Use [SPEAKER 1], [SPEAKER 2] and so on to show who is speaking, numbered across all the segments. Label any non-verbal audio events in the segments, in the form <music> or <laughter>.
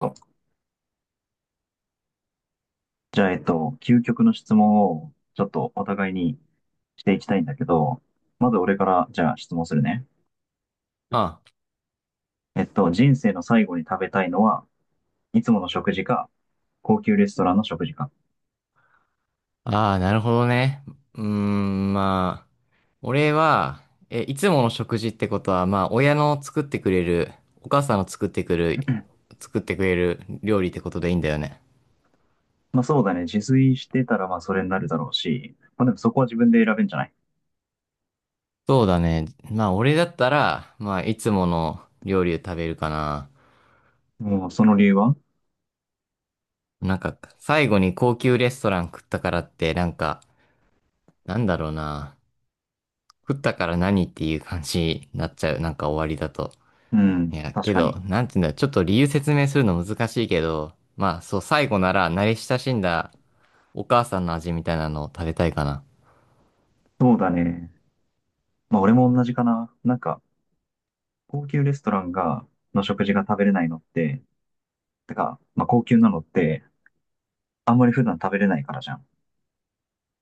[SPEAKER 1] とじゃあ、究極の質問をちょっとお互いにしていきたいんだけど、まず俺からじゃあ質問するね。
[SPEAKER 2] あ、
[SPEAKER 1] 人生の最後に食べたいのは、いつもの食事か、高級レストランの食事か。
[SPEAKER 2] ああ、なるほどね。うーん、まあ、俺は、いつもの食事ってことは、まあ、親の作ってくれる、お母さんの作ってくる、
[SPEAKER 1] <laughs>
[SPEAKER 2] 作ってくれる料理ってことでいいんだよね。
[SPEAKER 1] まあそうだね。自炊してたらまあそれになるだろうし、まあでもそこは自分で選べんじゃない？
[SPEAKER 2] そうだね。まあ、俺だったら、まあ、いつもの料理を食べるかな。
[SPEAKER 1] もうその理由は？
[SPEAKER 2] なんか、最後に高級レストラン食ったからって、なんだろうな。食ったから何っていう感じになっちゃう。なんか終わりだと。
[SPEAKER 1] う
[SPEAKER 2] い
[SPEAKER 1] ん、
[SPEAKER 2] や、
[SPEAKER 1] 確
[SPEAKER 2] け
[SPEAKER 1] か
[SPEAKER 2] ど、
[SPEAKER 1] に。
[SPEAKER 2] なんていうんだ、ちょっと理由説明するの難しいけど、まあ、そう、最後なら慣れ親しんだお母さんの味みたいなのを食べたいかな。
[SPEAKER 1] そうだね。まあ俺も同じかな。なんか、高級レストランが、の食事が食べれないのって、てか、まあ高級なのって、あんまり普段食べれないからじゃん。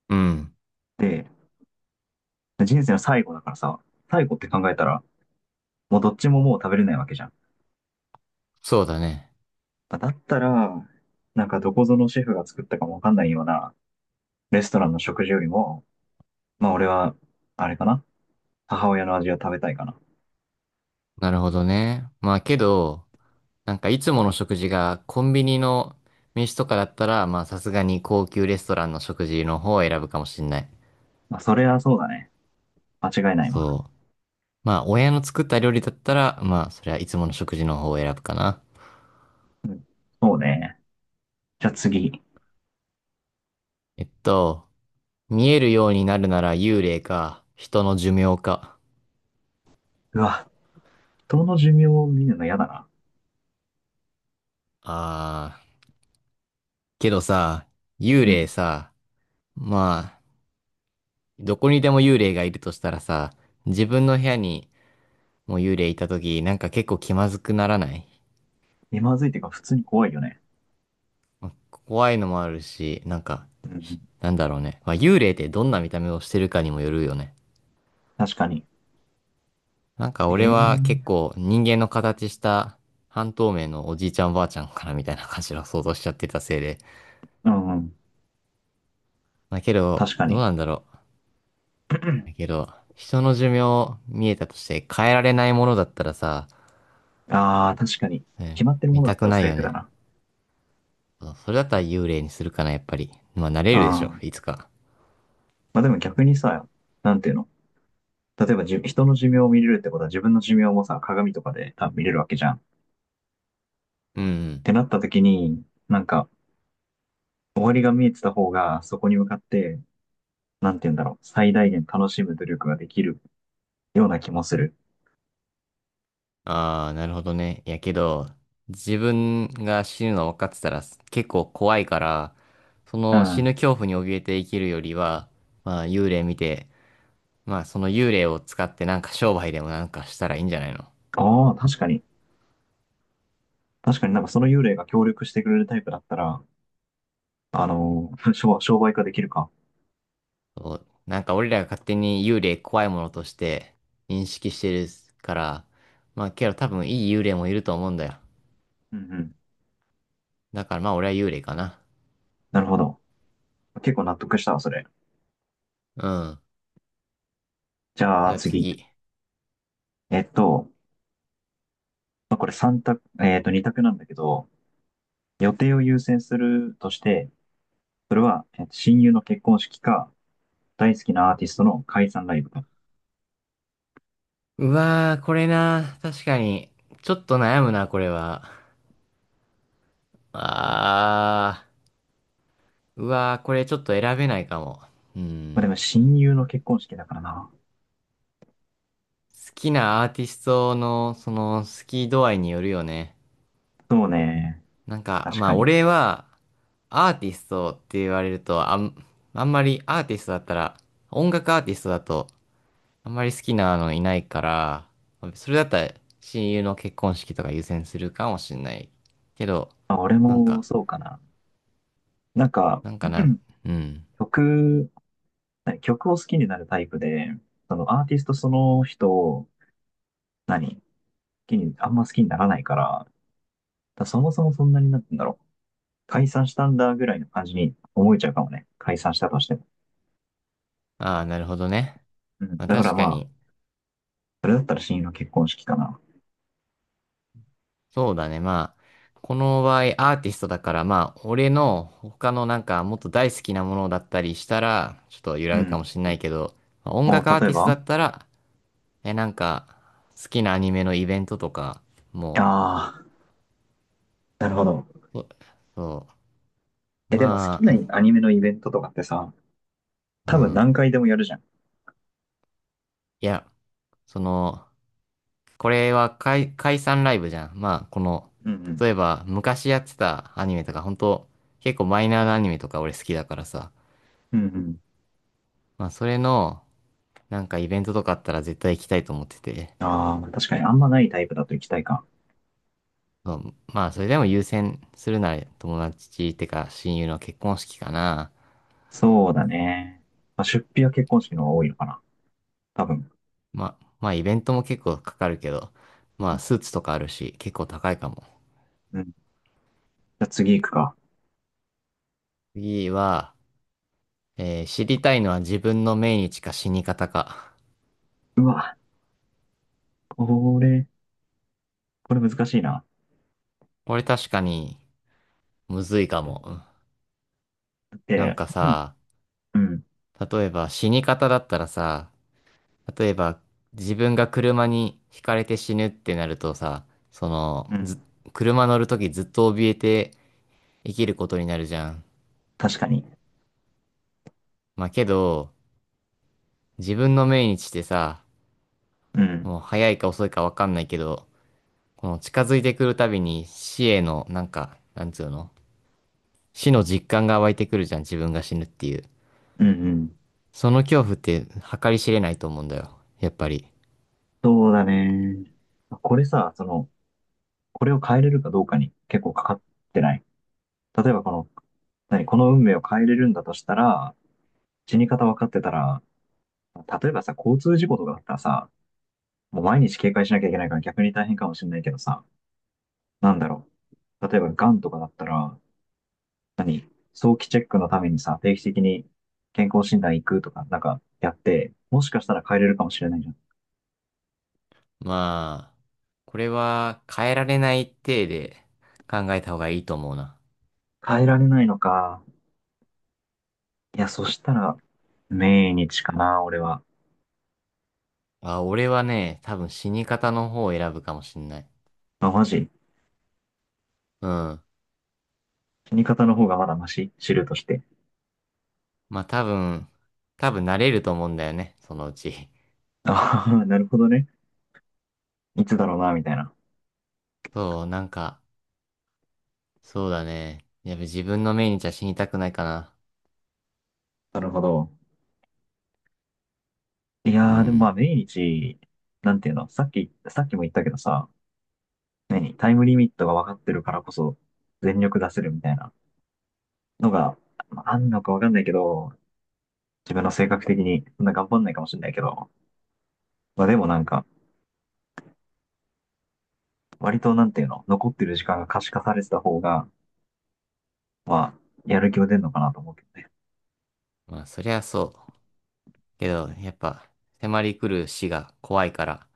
[SPEAKER 2] うん。
[SPEAKER 1] で、人生の最後だからさ、最後って考えたら、もうどっちももう食べれないわけじゃん。
[SPEAKER 2] そうだね。
[SPEAKER 1] だったら、なんかどこぞのシェフが作ったかもわかんないようなレストランの食事よりも、まあ俺は、あれかな、母親の味を食べたいかな。
[SPEAKER 2] なるほどね。まあ、けど、なんかいつもの食事がコンビニの飯とかだったら、まあ、さすがに高級レストランの食事の方を選ぶかもしんない。
[SPEAKER 1] まあそれはそうだね。間違いないわ。
[SPEAKER 2] そう。まあ、親の作った料理だったら、まあ、それはいつもの食事の方を選ぶかな。
[SPEAKER 1] うん。そうね。じゃあ次。
[SPEAKER 2] えっと、見えるようになるなら幽霊か、人の寿命か。
[SPEAKER 1] うわ、人の寿命を見るの嫌だな。
[SPEAKER 2] あー、けどさ、幽
[SPEAKER 1] う
[SPEAKER 2] 霊
[SPEAKER 1] ん。
[SPEAKER 2] さ、まあ、どこにでも幽霊がいるとしたらさ、自分の部屋にも幽霊いたとき、なんか結構気まずくならない？
[SPEAKER 1] 気まずいっていうか普通に怖いよね。
[SPEAKER 2] 怖いのもあるし、
[SPEAKER 1] うん。
[SPEAKER 2] なんだろうね。まあ、幽霊ってどんな見た目をしてるかにもよるよね。
[SPEAKER 1] 確かに。
[SPEAKER 2] なんか
[SPEAKER 1] え
[SPEAKER 2] 俺
[SPEAKER 1] え
[SPEAKER 2] は結
[SPEAKER 1] ー。
[SPEAKER 2] 構人間の形した半透明のおじいちゃんおばあちゃんかなみたいな感じの想像しちゃってたせいで。
[SPEAKER 1] うんうん。
[SPEAKER 2] まあけど、
[SPEAKER 1] 確か
[SPEAKER 2] どう
[SPEAKER 1] に。
[SPEAKER 2] なんだろう。だけど、人の寿命見えたとして変えられないものだったらさ、
[SPEAKER 1] ああ、確かに。
[SPEAKER 2] うん。
[SPEAKER 1] 決まってるも
[SPEAKER 2] 見
[SPEAKER 1] のだ
[SPEAKER 2] た
[SPEAKER 1] った
[SPEAKER 2] く
[SPEAKER 1] ら
[SPEAKER 2] ない
[SPEAKER 1] 最
[SPEAKER 2] よ
[SPEAKER 1] 悪だ
[SPEAKER 2] ね。
[SPEAKER 1] な。
[SPEAKER 2] そうそれだったら幽霊にするかな、やっぱり。まあ、なれ
[SPEAKER 1] あ
[SPEAKER 2] るでしょ、
[SPEAKER 1] あ。
[SPEAKER 2] いつか。
[SPEAKER 1] まあでも逆にさ、なんていうの、例えば人の寿命を見れるってことは自分の寿命もさ、鏡とかで多分見れるわけじゃん。っ
[SPEAKER 2] うんう
[SPEAKER 1] て
[SPEAKER 2] ん。
[SPEAKER 1] なった時に、なんか、終わりが見えてた方が、そこに向かって、なんていうんだろう、最大限楽しむ努力ができるような気もする。
[SPEAKER 2] ああ、なるほどね。いやけど、自分が死ぬの分かってたら結構怖いから、そ
[SPEAKER 1] う
[SPEAKER 2] の死
[SPEAKER 1] ん。
[SPEAKER 2] ぬ恐怖に怯えて生きるよりは、まあ、幽霊見て、まあ、その幽霊を使ってなんか商売でもなんかしたらいいんじゃないの？
[SPEAKER 1] ああ、確かに。確かになんかその幽霊が協力してくれるタイプだったら、<laughs> 商売化できるか。
[SPEAKER 2] そうなんか俺らが勝手に幽霊怖いものとして認識してるから、まあ、けど多分いい幽霊もいると思うんだよ。
[SPEAKER 1] うんうん。
[SPEAKER 2] だからまあ、俺は幽霊かな。
[SPEAKER 1] なるほど。結構納得したわ、それ。
[SPEAKER 2] うん。
[SPEAKER 1] じゃ
[SPEAKER 2] じ
[SPEAKER 1] あ
[SPEAKER 2] ゃあ
[SPEAKER 1] 次。
[SPEAKER 2] 次。
[SPEAKER 1] えっと、これ三択、えっと、2択なんだけど、予定を優先するとして、それは、親友の結婚式か、大好きなアーティストの解散ライブか。
[SPEAKER 2] うわー、これな。確かに。ちょっと悩むな、これは。あー。うわー、これちょっと選べないかも。う
[SPEAKER 1] まあ、で
[SPEAKER 2] ん。
[SPEAKER 1] も親友の結婚式だからな。
[SPEAKER 2] 好きなアーティストの、その、好き度合いによるよね。
[SPEAKER 1] そうね。
[SPEAKER 2] なんか、
[SPEAKER 1] 確
[SPEAKER 2] ま
[SPEAKER 1] か
[SPEAKER 2] あ、
[SPEAKER 1] に。
[SPEAKER 2] 俺は、アーティストって言われると、あんまりアーティストだったら、音楽アーティストだと、あんまり好きなのいないから、それだったら、親友の結婚式とか優先するかもしんない。けど、
[SPEAKER 1] まあ、俺
[SPEAKER 2] なん
[SPEAKER 1] も
[SPEAKER 2] か、
[SPEAKER 1] そうかな。なんか、
[SPEAKER 2] なんかな、
[SPEAKER 1] <clears throat>
[SPEAKER 2] うん。
[SPEAKER 1] 曲、何曲を好きになるタイプで、そのアーティストその人を、何好きに、あんま好きにならないから、だそもそもそんなになってんだろう。解散したんだぐらいの感じに思えちゃうかもね。解散したとしても。
[SPEAKER 2] ああ、なるほどね。
[SPEAKER 1] うん。
[SPEAKER 2] まあ
[SPEAKER 1] だから
[SPEAKER 2] 確か
[SPEAKER 1] まあ、
[SPEAKER 2] に、
[SPEAKER 1] それだったら親友の結婚式かな。
[SPEAKER 2] そうだね。まあ、この場合アーティストだから、まあ、俺の他のなんかもっと大好きなものだったりしたら、ちょっと揺
[SPEAKER 1] う
[SPEAKER 2] らぐか
[SPEAKER 1] ん。
[SPEAKER 2] もしんないけど、まあ音
[SPEAKER 1] お、
[SPEAKER 2] 楽アー
[SPEAKER 1] 例え
[SPEAKER 2] ティストだ
[SPEAKER 1] ば？
[SPEAKER 2] ったら、え、なんか、好きなアニメのイベントとか、も
[SPEAKER 1] ああ、なるほど。
[SPEAKER 2] う、そそう、
[SPEAKER 1] え、でも好
[SPEAKER 2] ま
[SPEAKER 1] きな
[SPEAKER 2] あ、
[SPEAKER 1] アニメのイベントとかってさ、
[SPEAKER 2] う
[SPEAKER 1] 多分
[SPEAKER 2] ん。
[SPEAKER 1] 何回でもやるじゃん。
[SPEAKER 2] いや、その、これは解、解散ライブじゃん。まあ、この、
[SPEAKER 1] う
[SPEAKER 2] 例
[SPEAKER 1] ん
[SPEAKER 2] えば昔やってたアニメとか、本当結構マイナーなアニメとか俺好きだからさ。
[SPEAKER 1] うん。うんうん。
[SPEAKER 2] まあ、それの、なんかイベントとかあったら絶対行きたいと思ってて。
[SPEAKER 1] ああ、確かにあんまないタイプだと行きたいか。
[SPEAKER 2] そうまあ、それでも優先するなら友達ってか親友の結婚式かな。
[SPEAKER 1] そうだね。まあ、出費は結婚式の方が多いのかな。多分。
[SPEAKER 2] まあ、まあ、イベントも結構かかるけど、ま
[SPEAKER 1] う
[SPEAKER 2] あ、
[SPEAKER 1] ん
[SPEAKER 2] スーツとかあるし、結構高いかも。
[SPEAKER 1] うん。じゃあ次行くか。
[SPEAKER 2] 次は、えー知りたいのは自分の命日か死に方か。
[SPEAKER 1] うわ、これ、これ難しいな。
[SPEAKER 2] これ確かに、むずいかも。なん
[SPEAKER 1] で、
[SPEAKER 2] か
[SPEAKER 1] うん、
[SPEAKER 2] さ、
[SPEAKER 1] うん。
[SPEAKER 2] 例えば死に方だったらさ、例えば自分が車にひかれて死ぬってなるとさ、そ
[SPEAKER 1] う
[SPEAKER 2] の、
[SPEAKER 1] ん、
[SPEAKER 2] ず、車乗るときずっと怯えて生きることになるじゃん。
[SPEAKER 1] 確かに。
[SPEAKER 2] まあけど、自分の命日ってさ、
[SPEAKER 1] うん。
[SPEAKER 2] もう早いか遅いかわかんないけど、この近づいてくるたびに死への、なんか、なんつうの、死の実感が湧いてくるじゃん、自分が死ぬっていう。
[SPEAKER 1] うんうん。
[SPEAKER 2] その恐怖って計り知れないと思うんだよ、やっぱり。
[SPEAKER 1] そうだね。これさ、その、これを変えれるかどうかに結構かかってない？例えばこの、何、この運命を変えれるんだとしたら、死に方分かってたら、例えばさ、交通事故とかだったらさ、もう毎日警戒しなきゃいけないから逆に大変かもしれないけどさ、なんだろう。例えば癌とかだったら、何、早期チェックのためにさ、定期的に健康診断行くとか、なんかやって、もしかしたら変えれるかもしれないじゃん。
[SPEAKER 2] まあ、これは変えられない体で考えた方がいいと思うな。
[SPEAKER 1] 変えられないのか。いや、そしたら、命日かな、俺は。
[SPEAKER 2] あ、俺はね、多分死に方の方を選ぶかもしんない。
[SPEAKER 1] あ、マジ？
[SPEAKER 2] うん。
[SPEAKER 1] 死に方の方がまだマシ知るとして。
[SPEAKER 2] まあ多分、多分慣れると思うんだよね、そのうち。<laughs>
[SPEAKER 1] <laughs> ああ、<laughs> なるほどね。いつだろうな、みたいな。
[SPEAKER 2] そう、そうだね。やっぱ自分の命日は死にたくないかな。
[SPEAKER 1] なるほど。い
[SPEAKER 2] う
[SPEAKER 1] やー、でもまあ、
[SPEAKER 2] ん。
[SPEAKER 1] 命日、なんていうの、さっきも言ったけどさ、何、タイムリミットが分かってるからこそ、全力出せるみたいなのが、まああんのか分かんないけど、自分の性格的に、そんな頑張んないかもしれないけど、まあでもなんか、割となんていうの、残ってる時間が可視化されてた方が、まあ、やる気は出るのかなと思うけどね。
[SPEAKER 2] まあそりゃそう。けど、やっぱ、迫り来る死が怖いから、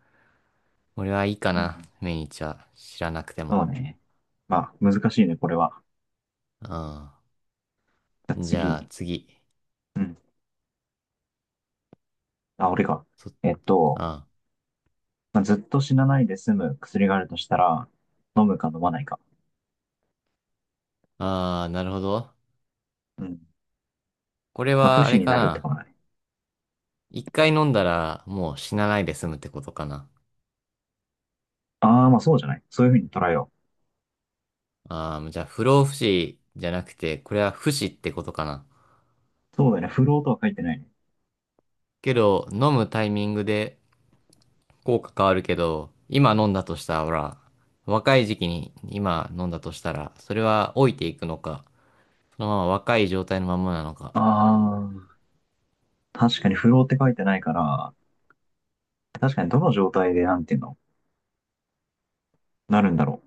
[SPEAKER 2] 俺はいいか
[SPEAKER 1] うん、
[SPEAKER 2] な、命日は知らなくて
[SPEAKER 1] そう
[SPEAKER 2] も。
[SPEAKER 1] ね。まあ、難しいね、これは。
[SPEAKER 2] う
[SPEAKER 1] じゃあ
[SPEAKER 2] ん。じゃあ
[SPEAKER 1] 次。
[SPEAKER 2] 次。
[SPEAKER 1] うん。あ、俺か。
[SPEAKER 2] そ、
[SPEAKER 1] えっ
[SPEAKER 2] う
[SPEAKER 1] と、
[SPEAKER 2] ん。
[SPEAKER 1] ずっと死なないで済む薬があるとしたら、飲むか飲まないか。
[SPEAKER 2] ああ、なるほど。
[SPEAKER 1] うん。
[SPEAKER 2] これ
[SPEAKER 1] まあ、不
[SPEAKER 2] はあ
[SPEAKER 1] 死
[SPEAKER 2] れ
[SPEAKER 1] に
[SPEAKER 2] か
[SPEAKER 1] なるってこ
[SPEAKER 2] な。
[SPEAKER 1] とだね。
[SPEAKER 2] 一回飲んだらもう死なないで済むってことかな。
[SPEAKER 1] ああ、まあそうじゃない。そういうふうに捉えよ
[SPEAKER 2] ああ、じゃあ不老不死じゃなくて、これは不死ってことかな。
[SPEAKER 1] う。そうだよね。不老とは書いてないね。
[SPEAKER 2] けど、飲むタイミングで効果変わるけど、今飲んだとしたら、ほら、若い時期に今飲んだとしたら、それは老いていくのか、そのまま若い状態のままなの
[SPEAKER 1] あ
[SPEAKER 2] か。
[SPEAKER 1] あ、確かに不老って書いてないから、確かにどの状態でなんていうの、なるんだろ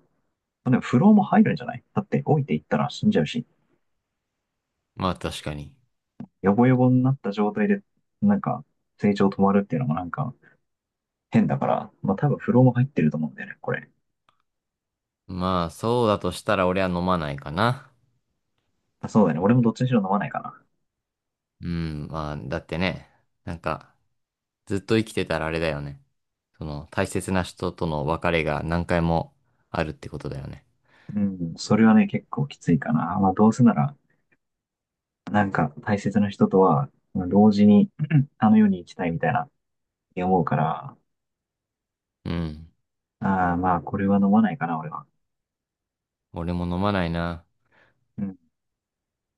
[SPEAKER 1] う。でも不老も入るんじゃない？だって老いていったら死んじゃうし、
[SPEAKER 2] まあ確かに。
[SPEAKER 1] ヨボヨボになった状態で、なんか、成長止まるっていうのもなんか、変だから、まあ多分フローも入ってると思うんだよね、これ。
[SPEAKER 2] まあそうだとしたら俺は飲まないかな。
[SPEAKER 1] あ、そうだね。俺もどっちにしろ飲まないかな。
[SPEAKER 2] うん、まあだってね、なんかずっと生きてたらあれだよね。その大切な人との別れが何回もあるってことだよね。
[SPEAKER 1] うん、それはね、結構きついかな。まあどうせなら、なんか大切な人とは、まあ同時に <clears throat> あの世に行きたいみたいな、思うから、
[SPEAKER 2] うん。
[SPEAKER 1] ああ、まあこれは飲まないかな、俺は。
[SPEAKER 2] 俺も飲まないな。
[SPEAKER 1] うん